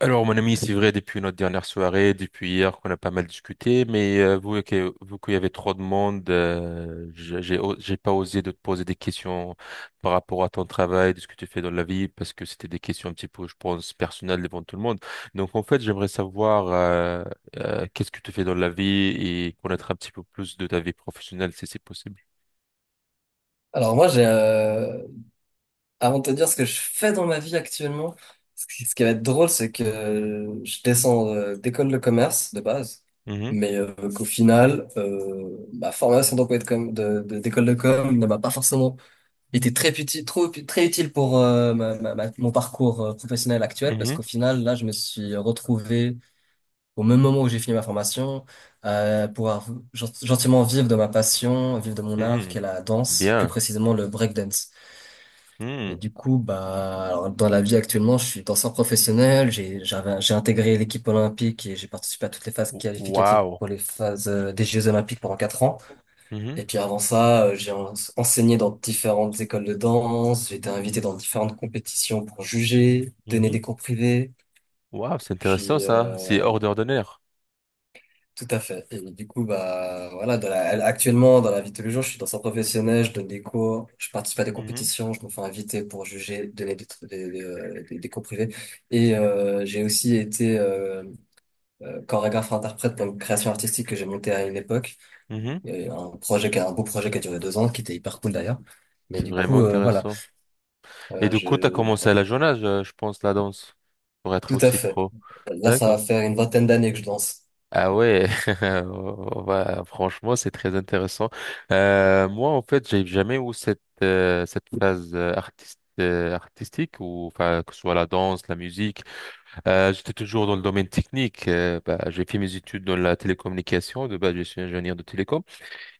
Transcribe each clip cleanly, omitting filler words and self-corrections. Alors, mon ami, c'est vrai, depuis notre dernière soirée, depuis hier, qu'on a pas mal discuté, mais vu qu'il y avait trop de monde, j'ai pas osé de te poser des questions par rapport à ton travail, de ce que tu fais dans la vie, parce que c'était des questions un petit peu, je pense, personnelles devant tout le monde. Donc, en fait, j'aimerais savoir qu'est-ce que tu fais dans la vie et connaître un petit peu plus de ta vie professionnelle, si c'est possible. Alors moi, avant de te dire ce que je fais dans ma vie actuellement, ce qui va être drôle, c'est que je descends d'école de commerce de base, Mhm, mais qu'au final, ma formation d'emploi de d'école de com ne m'a pas forcément été très utile, très utile pour mon parcours professionnel actuel, parce mhm, qu'au final, là, je me suis retrouvé au même moment où j'ai fini ma formation, pouvoir gentiment vivre de ma passion, vivre de mon art, mhm. qui est la danse, plus Bien. précisément le breakdance. Et Mhm. du coup, bah, alors, dans la vie actuellement, je suis danseur professionnel. J'ai intégré l'équipe olympique et j'ai participé à toutes les phases qualificatives Wow. pour les phases des Jeux olympiques pendant 4 ans. Et puis avant ça, j'ai enseigné dans différentes écoles de danse. J'ai été invité dans différentes compétitions pour juger, donner des cours privés. Waouh, c'est intéressant Puis ça. C'est hors d'ordinaire. Tout à fait. Et du coup, bah, voilà, actuellement, dans la vie de tous les jours, je suis danseur professionnel, je donne des cours, je participe à des Mhm, compétitions, je me fais inviter pour juger, donner des, tr- des cours privés. Et j'ai aussi été chorégraphe-interprète pour une création artistique que j'ai montée à une époque. mhm. Et un beau projet qui a duré 2 ans, qui était hyper cool d'ailleurs. Mais C'est du vraiment coup, voilà, intéressant. Et euh, du je, coup, t'as commencé à voilà. la jeune âge, je pense, la danse, pour être Tout à aussi fait. pro. Là, ça D'accord. va faire une vingtaine d'années que je danse. Ah ouais, franchement, c'est très intéressant. Moi, en fait, j'ai jamais eu cette cette phase artiste artistique ou enfin que ce soit la danse, la musique. J'étais toujours dans le domaine technique. Bah, j'ai fait mes études dans la télécommunication. De base, je suis ingénieur de télécom.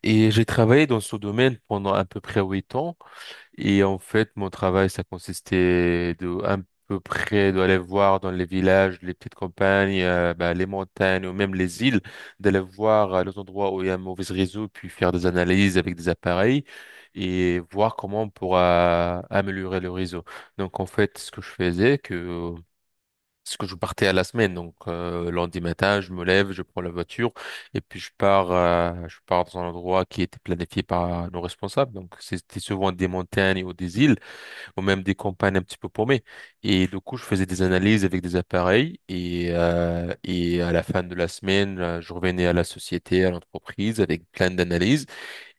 Et j'ai travaillé dans ce domaine pendant à peu près 8 ans. Et en fait, mon travail, ça consistait de à peu près d'aller voir dans les villages, les petites campagnes, bah, les montagnes ou même les îles, d'aller voir les endroits où il y a un mauvais réseau, puis faire des analyses avec des appareils et voir comment on pourra améliorer le réseau. Donc en fait, ce que je faisais, que parce que je partais à la semaine, donc lundi matin, je me lève, je prends la voiture et puis je pars dans un endroit qui était planifié par nos responsables. Donc c'était souvent des montagnes ou des îles ou même des campagnes un petit peu paumées. Et du coup, je faisais des analyses avec des appareils et à la fin de la semaine, je revenais à la société, à l'entreprise avec plein d'analyses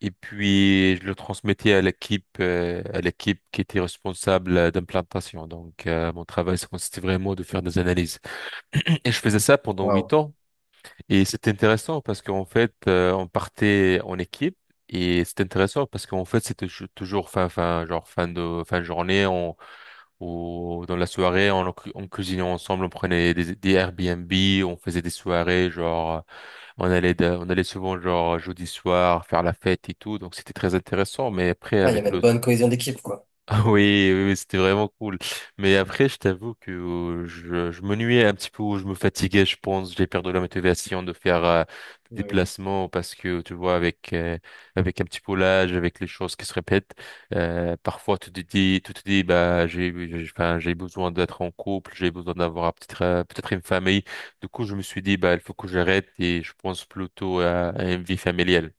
et puis je le transmettais à l'équipe qui était responsable d'implantation. Donc mon travail, ça consistait vraiment de faire des analyses. Et je faisais ça pendant huit Waouh. ans. Et c'était intéressant parce qu'en fait, on partait en équipe. Et c'était intéressant parce qu'en fait, toujours genre fin de journée, ou dans la soirée, on cuisinait ensemble, on prenait des Airbnb, on faisait des soirées, genre, on allait souvent, genre, jeudi soir, faire la fête et tout. Donc, c'était très intéressant. Mais après, Ah, il y avec avait une le bonne cohésion d'équipe, quoi. Ah oui, oui, oui, c'était vraiment cool. Mais après, je t'avoue que je m'ennuyais un petit peu, je me fatiguais, je pense, j'ai perdu la motivation de faire des déplacements parce que, tu vois, avec un petit peu l'âge, avec les choses qui se répètent, parfois tu te dis, bah, enfin, j'ai besoin d'être en couple, j'ai besoin d'avoir peut-être une famille. Du coup, je me suis dit, bah, il faut que j'arrête et je pense plutôt à une vie familiale.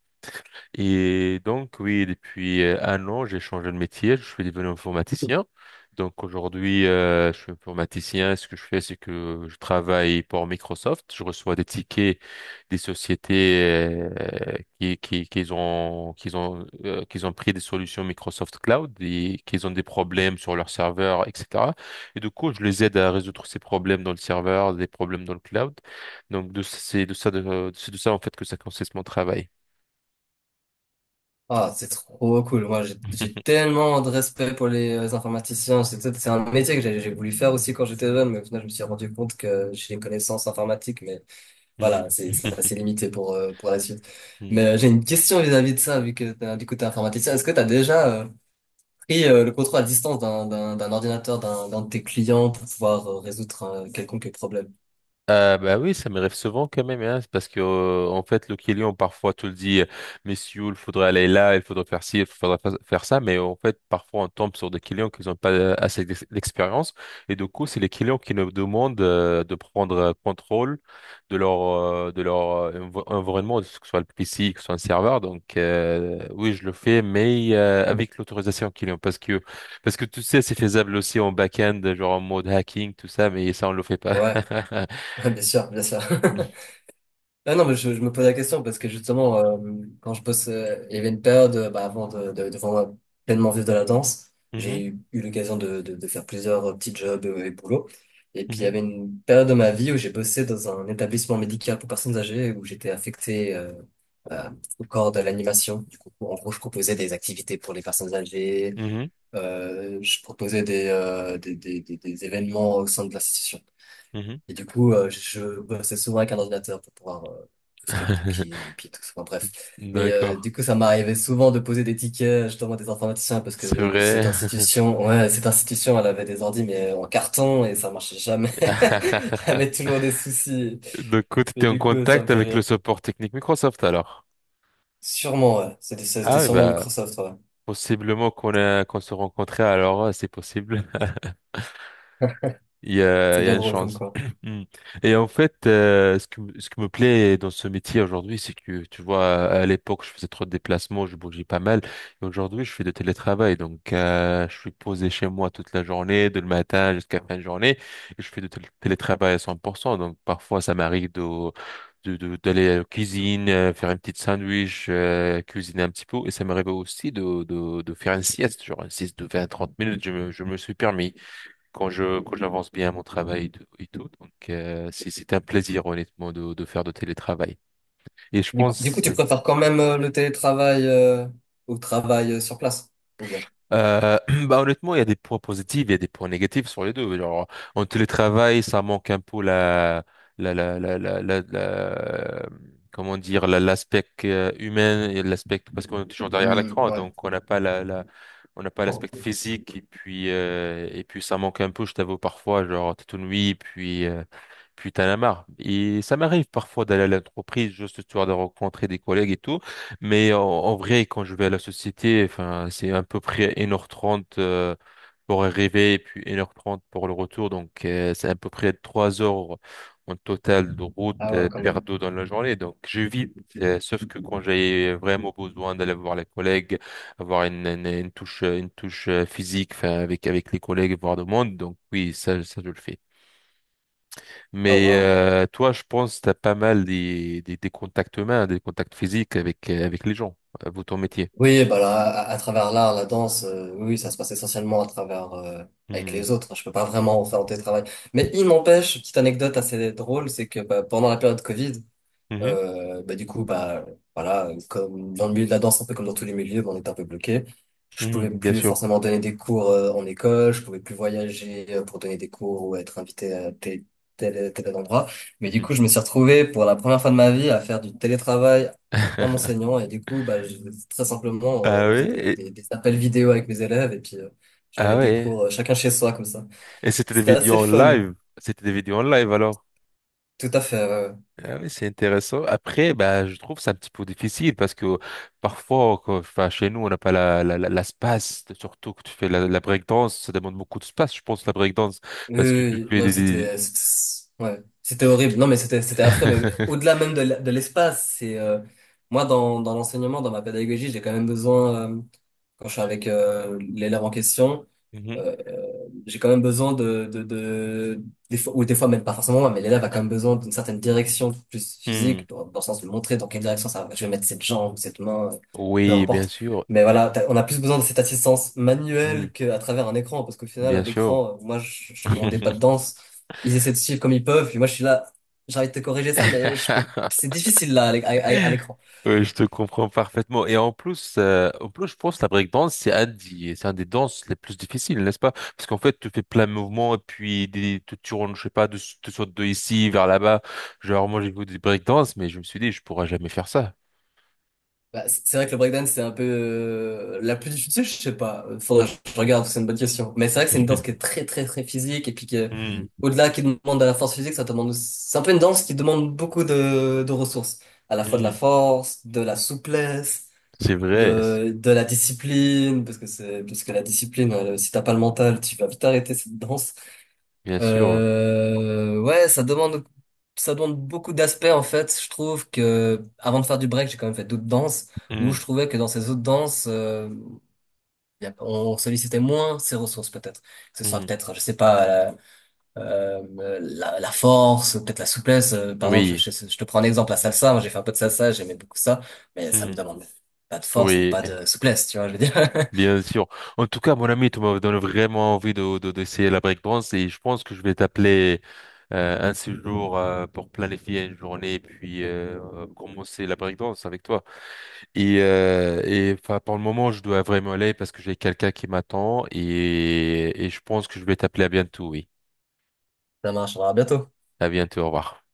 Et donc, oui, depuis un an, j'ai changé de métier, je suis devenu informaticien. Donc aujourd'hui, je suis informaticien. Ce que je fais, c'est que je travaille pour Microsoft. Je reçois des tickets des sociétés qui ont pris des solutions Microsoft Cloud et qui ont des problèmes sur leur serveur, etc. Et du coup, je les aide à résoudre ces problèmes dans le serveur, des problèmes dans le cloud. C'est de ça en fait que ça consiste mon travail. Ah, c'est trop cool. Moi, j'ai tellement de respect pour les informaticiens. C'est un métier que j'ai voulu faire aussi quand j'étais jeune, mais au final, je me suis rendu compte que j'ai une connaissance informatique, mais voilà, Mhm. c'est assez limité pour la suite. Mhm. Mais j'ai une question vis-à-vis de ça, vu que du coup, t'es informaticien. Est-ce que tu as déjà pris le contrôle à distance d'un ordinateur, d'un de tes clients pour pouvoir résoudre un quelconque problème? Bah oui, ça m'arrive souvent quand même, hein, c'est parce que en fait le client parfois te le dit, messieurs, il faudrait aller là, il faudrait faire ci, il faudrait faire ça, mais en fait parfois on tombe sur des clients qui n'ont pas assez d'expérience et du coup c'est les clients qui nous demandent de prendre contrôle de leur environnement, que ce soit le PC, que ce soit un serveur. Donc oui, je le fais, mais avec l'autorisation client, parce que tu sais c'est faisable aussi en back-end, genre en mode hacking, tout ça, mais ça on le fait pas. Ouais, bien sûr, bien sûr. Ah non, mais je me pose la question parce que justement, quand je bosse, il y avait une période bah, avant de vraiment pleinement vivre de la danse. Mhm, J'ai eu l'occasion de faire plusieurs petits jobs et boulots. Et puis il y mhm, avait une période de ma vie où j'ai bossé dans un établissement médical pour personnes âgées où j'étais affecté euh, au corps de l'animation. Du coup, en gros, je proposais des activités pour les personnes âgées. mhm, Je proposais des événements au sein de l'institution. mhm. Et du coup, je bossais souvent avec un ordinateur pour pouvoir tout ce qui est booking et puis tout ça. Enfin, bref. Mais D'accord, du coup, ça m'arrivait souvent de poser des tickets justement à des informaticiens parce que c'est vrai. Cette institution, elle avait des ordis mais en carton et ça marchait jamais. Il y avait toujours des soucis. Donc, tu Mais étais en du coup, ça me contact fait avec le rire. support technique Microsoft alors? Sûrement, ouais. C'était Ah c'était oui, sûrement bah, Microsoft, ouais. possiblement qu'on se rencontrait alors, ouais, c'est possible. Il y a, C'est il y a bien une drôle comme chance. quoi. Mm. Et en fait, ce qui me plaît dans ce métier aujourd'hui, c'est que, tu vois, à l'époque, je faisais trop de déplacements, je bougeais pas mal. Et aujourd'hui, je fais de télétravail. Donc, je suis posé chez moi toute la journée, de le matin jusqu'à la fin de journée. Et je fais de télétravail à 100%. Donc, parfois, ça m'arrive d'aller à la cuisine, faire un petit sandwich, cuisiner un petit peu. Et ça m'arrive aussi de faire une sieste, genre une sieste de 20-30 minutes. Je me suis permis quand j'avance bien mon travail et tout. Donc c'est un plaisir honnêtement de faire de télétravail. Et je Du coup, pense tu préfères quand même le télétravail au travail sur place, ou bien? euh, bah honnêtement il y a des points positifs, il y a des points négatifs sur les deux. Genre en télétravail ça manque un peu la la la la, la, la- comment dire l'aspect humain et l'aspect parce qu'on est toujours derrière Hmm, l'écran ouais. donc on n'a pas l'aspect physique et puis ça manque un peu, je t'avoue parfois, genre t'es tout nuit, puis t'en as marre. Et ça m'arrive parfois d'aller à l'entreprise juste histoire de rencontrer des collègues et tout, mais en vrai, quand je vais à la société, enfin, c'est à peu près 1h30 pour arriver et puis 1h30 pour le retour, donc c'est à peu près 3 heures en total de route Ah ouais, quand même. perdu dans la journée. Sauf que quand j'ai vraiment besoin d'aller voir les collègues, avoir une touche, physique, enfin, avec les collègues, voir le monde, donc oui, ça je le fais. Ah, Mais wow. Toi, je pense que tu as pas mal des contacts humains, des contacts physiques avec les gens, vous, ton métier. Oui, bah là, à travers l'art, la danse, oui, oui, ça se passe essentiellement à travers avec Mhm. les autres, hein. Je peux pas vraiment en faire en télétravail. Mais il m'empêche, petite anecdote assez drôle, c'est que bah, pendant la période Covid, Mhm. euh, bah, du coup, bah, voilà, comme dans le milieu de la danse, un peu comme dans tous les milieux, bah, on était un peu bloqué. Je Mhm, pouvais bien plus sûr. forcément donner des cours en école, je pouvais plus voyager pour donner des cours ou être invité à tel endroit. Mais du Mhm. coup, je me suis retrouvé pour la première fois de ma vie à faire du télétravail en enseignant. Et du coup, très simplement, Ah on faisait oui, des appels vidéo avec mes élèves et puis je ah donnais des ouais. cours chacun chez soi comme ça. Et c'était des C'était vidéos assez en fun. live. C'était des vidéos en live alors. Tout à fait. Ouais, ouais. Ah oui, c'est intéressant. Après, bah, je trouve ça un petit peu difficile parce que parfois, enfin, chez nous, on n'a pas la space. Surtout que tu fais la breakdance, ça demande beaucoup de space, je pense, la breakdance, Oui, parce que oui, tu oui. fais non, des... c'était, c'était- Ouais, c'était horrible. Non, mais c'était affreux. Mais au-delà même de l'espace, c'est moi dans l'enseignement, dans ma pédagogie, j'ai quand même besoin quand je suis avec l'élève en question, euh, euh, j'ai quand même besoin de des fois, ou des fois même pas forcément moi, mais l'élève a quand même besoin d'une certaine direction plus Mhm. physique, dans le sens de montrer dans quelle direction ça va. Je vais mettre cette jambe, cette main, peu Oui, bien importe. sûr. Mais voilà, on a plus besoin de cette assistance Hmm, manuelle qu'à travers un écran, parce qu'au final, à bien sûr. l'écran, moi, je ne rendais pas de danse. Ils essaient de suivre comme ils peuvent, puis moi, je suis là, j'arrive de te corriger ça, mais je peux... c'est difficile là, à l'écran. Oui, je te comprends parfaitement. Et en plus, je pense que la breakdance, c'est un des danses les plus difficiles, n'est-ce pas? Parce qu'en fait, tu fais plein de mouvements et puis tu tournes, je sais pas, tu sautes de ici vers là-bas. Genre, moi, j'ai vu des breakdance, mais je me suis dit, je pourrais jamais faire ça. Bah, c'est vrai que le breakdance, c'est un peu la plus difficile, je sais pas. Faudrait que je regarde, c'est une bonne question. Mais c'est vrai que c'est une danse qui est très, très, très physique et puis Hmm, au-delà qui demande de la force physique, ça demande, c'est un peu une danse qui demande beaucoup de ressources. À la fois de hmm. la force, de la souplesse, C'est vrai, de la discipline, parce que la discipline, si t'as pas le mental, tu vas vite arrêter cette danse. bien sûr. Euh, ouais, ça demande, ça demande beaucoup d'aspects en fait. Je trouve que avant de faire du break, j'ai quand même fait d'autres danses où je Hmm, trouvais que dans ces autres danses, on sollicitait moins ses ressources peut-être. Que ce soit hmm. peut-être, je sais pas, la force, peut-être la souplesse. Par exemple, Oui, je te prends un exemple, la salsa. Moi, j'ai fait un peu de salsa, j'aimais beaucoup ça, mais ça me hmm, demande pas de force ni oui. pas de souplesse, tu vois. Je veux dire, Bien sûr. En tout cas, mon ami, tu me donnes vraiment envie d'essayer la breakdance et je pense que je vais t'appeler un séjour pour planifier une journée et puis commencer la breakdance avec toi. Et enfin, pour le moment, je dois vraiment aller parce que j'ai quelqu'un qui m'attend et je pense que je vais t'appeler à bientôt, oui. ça marchera bientôt. À bientôt, au revoir.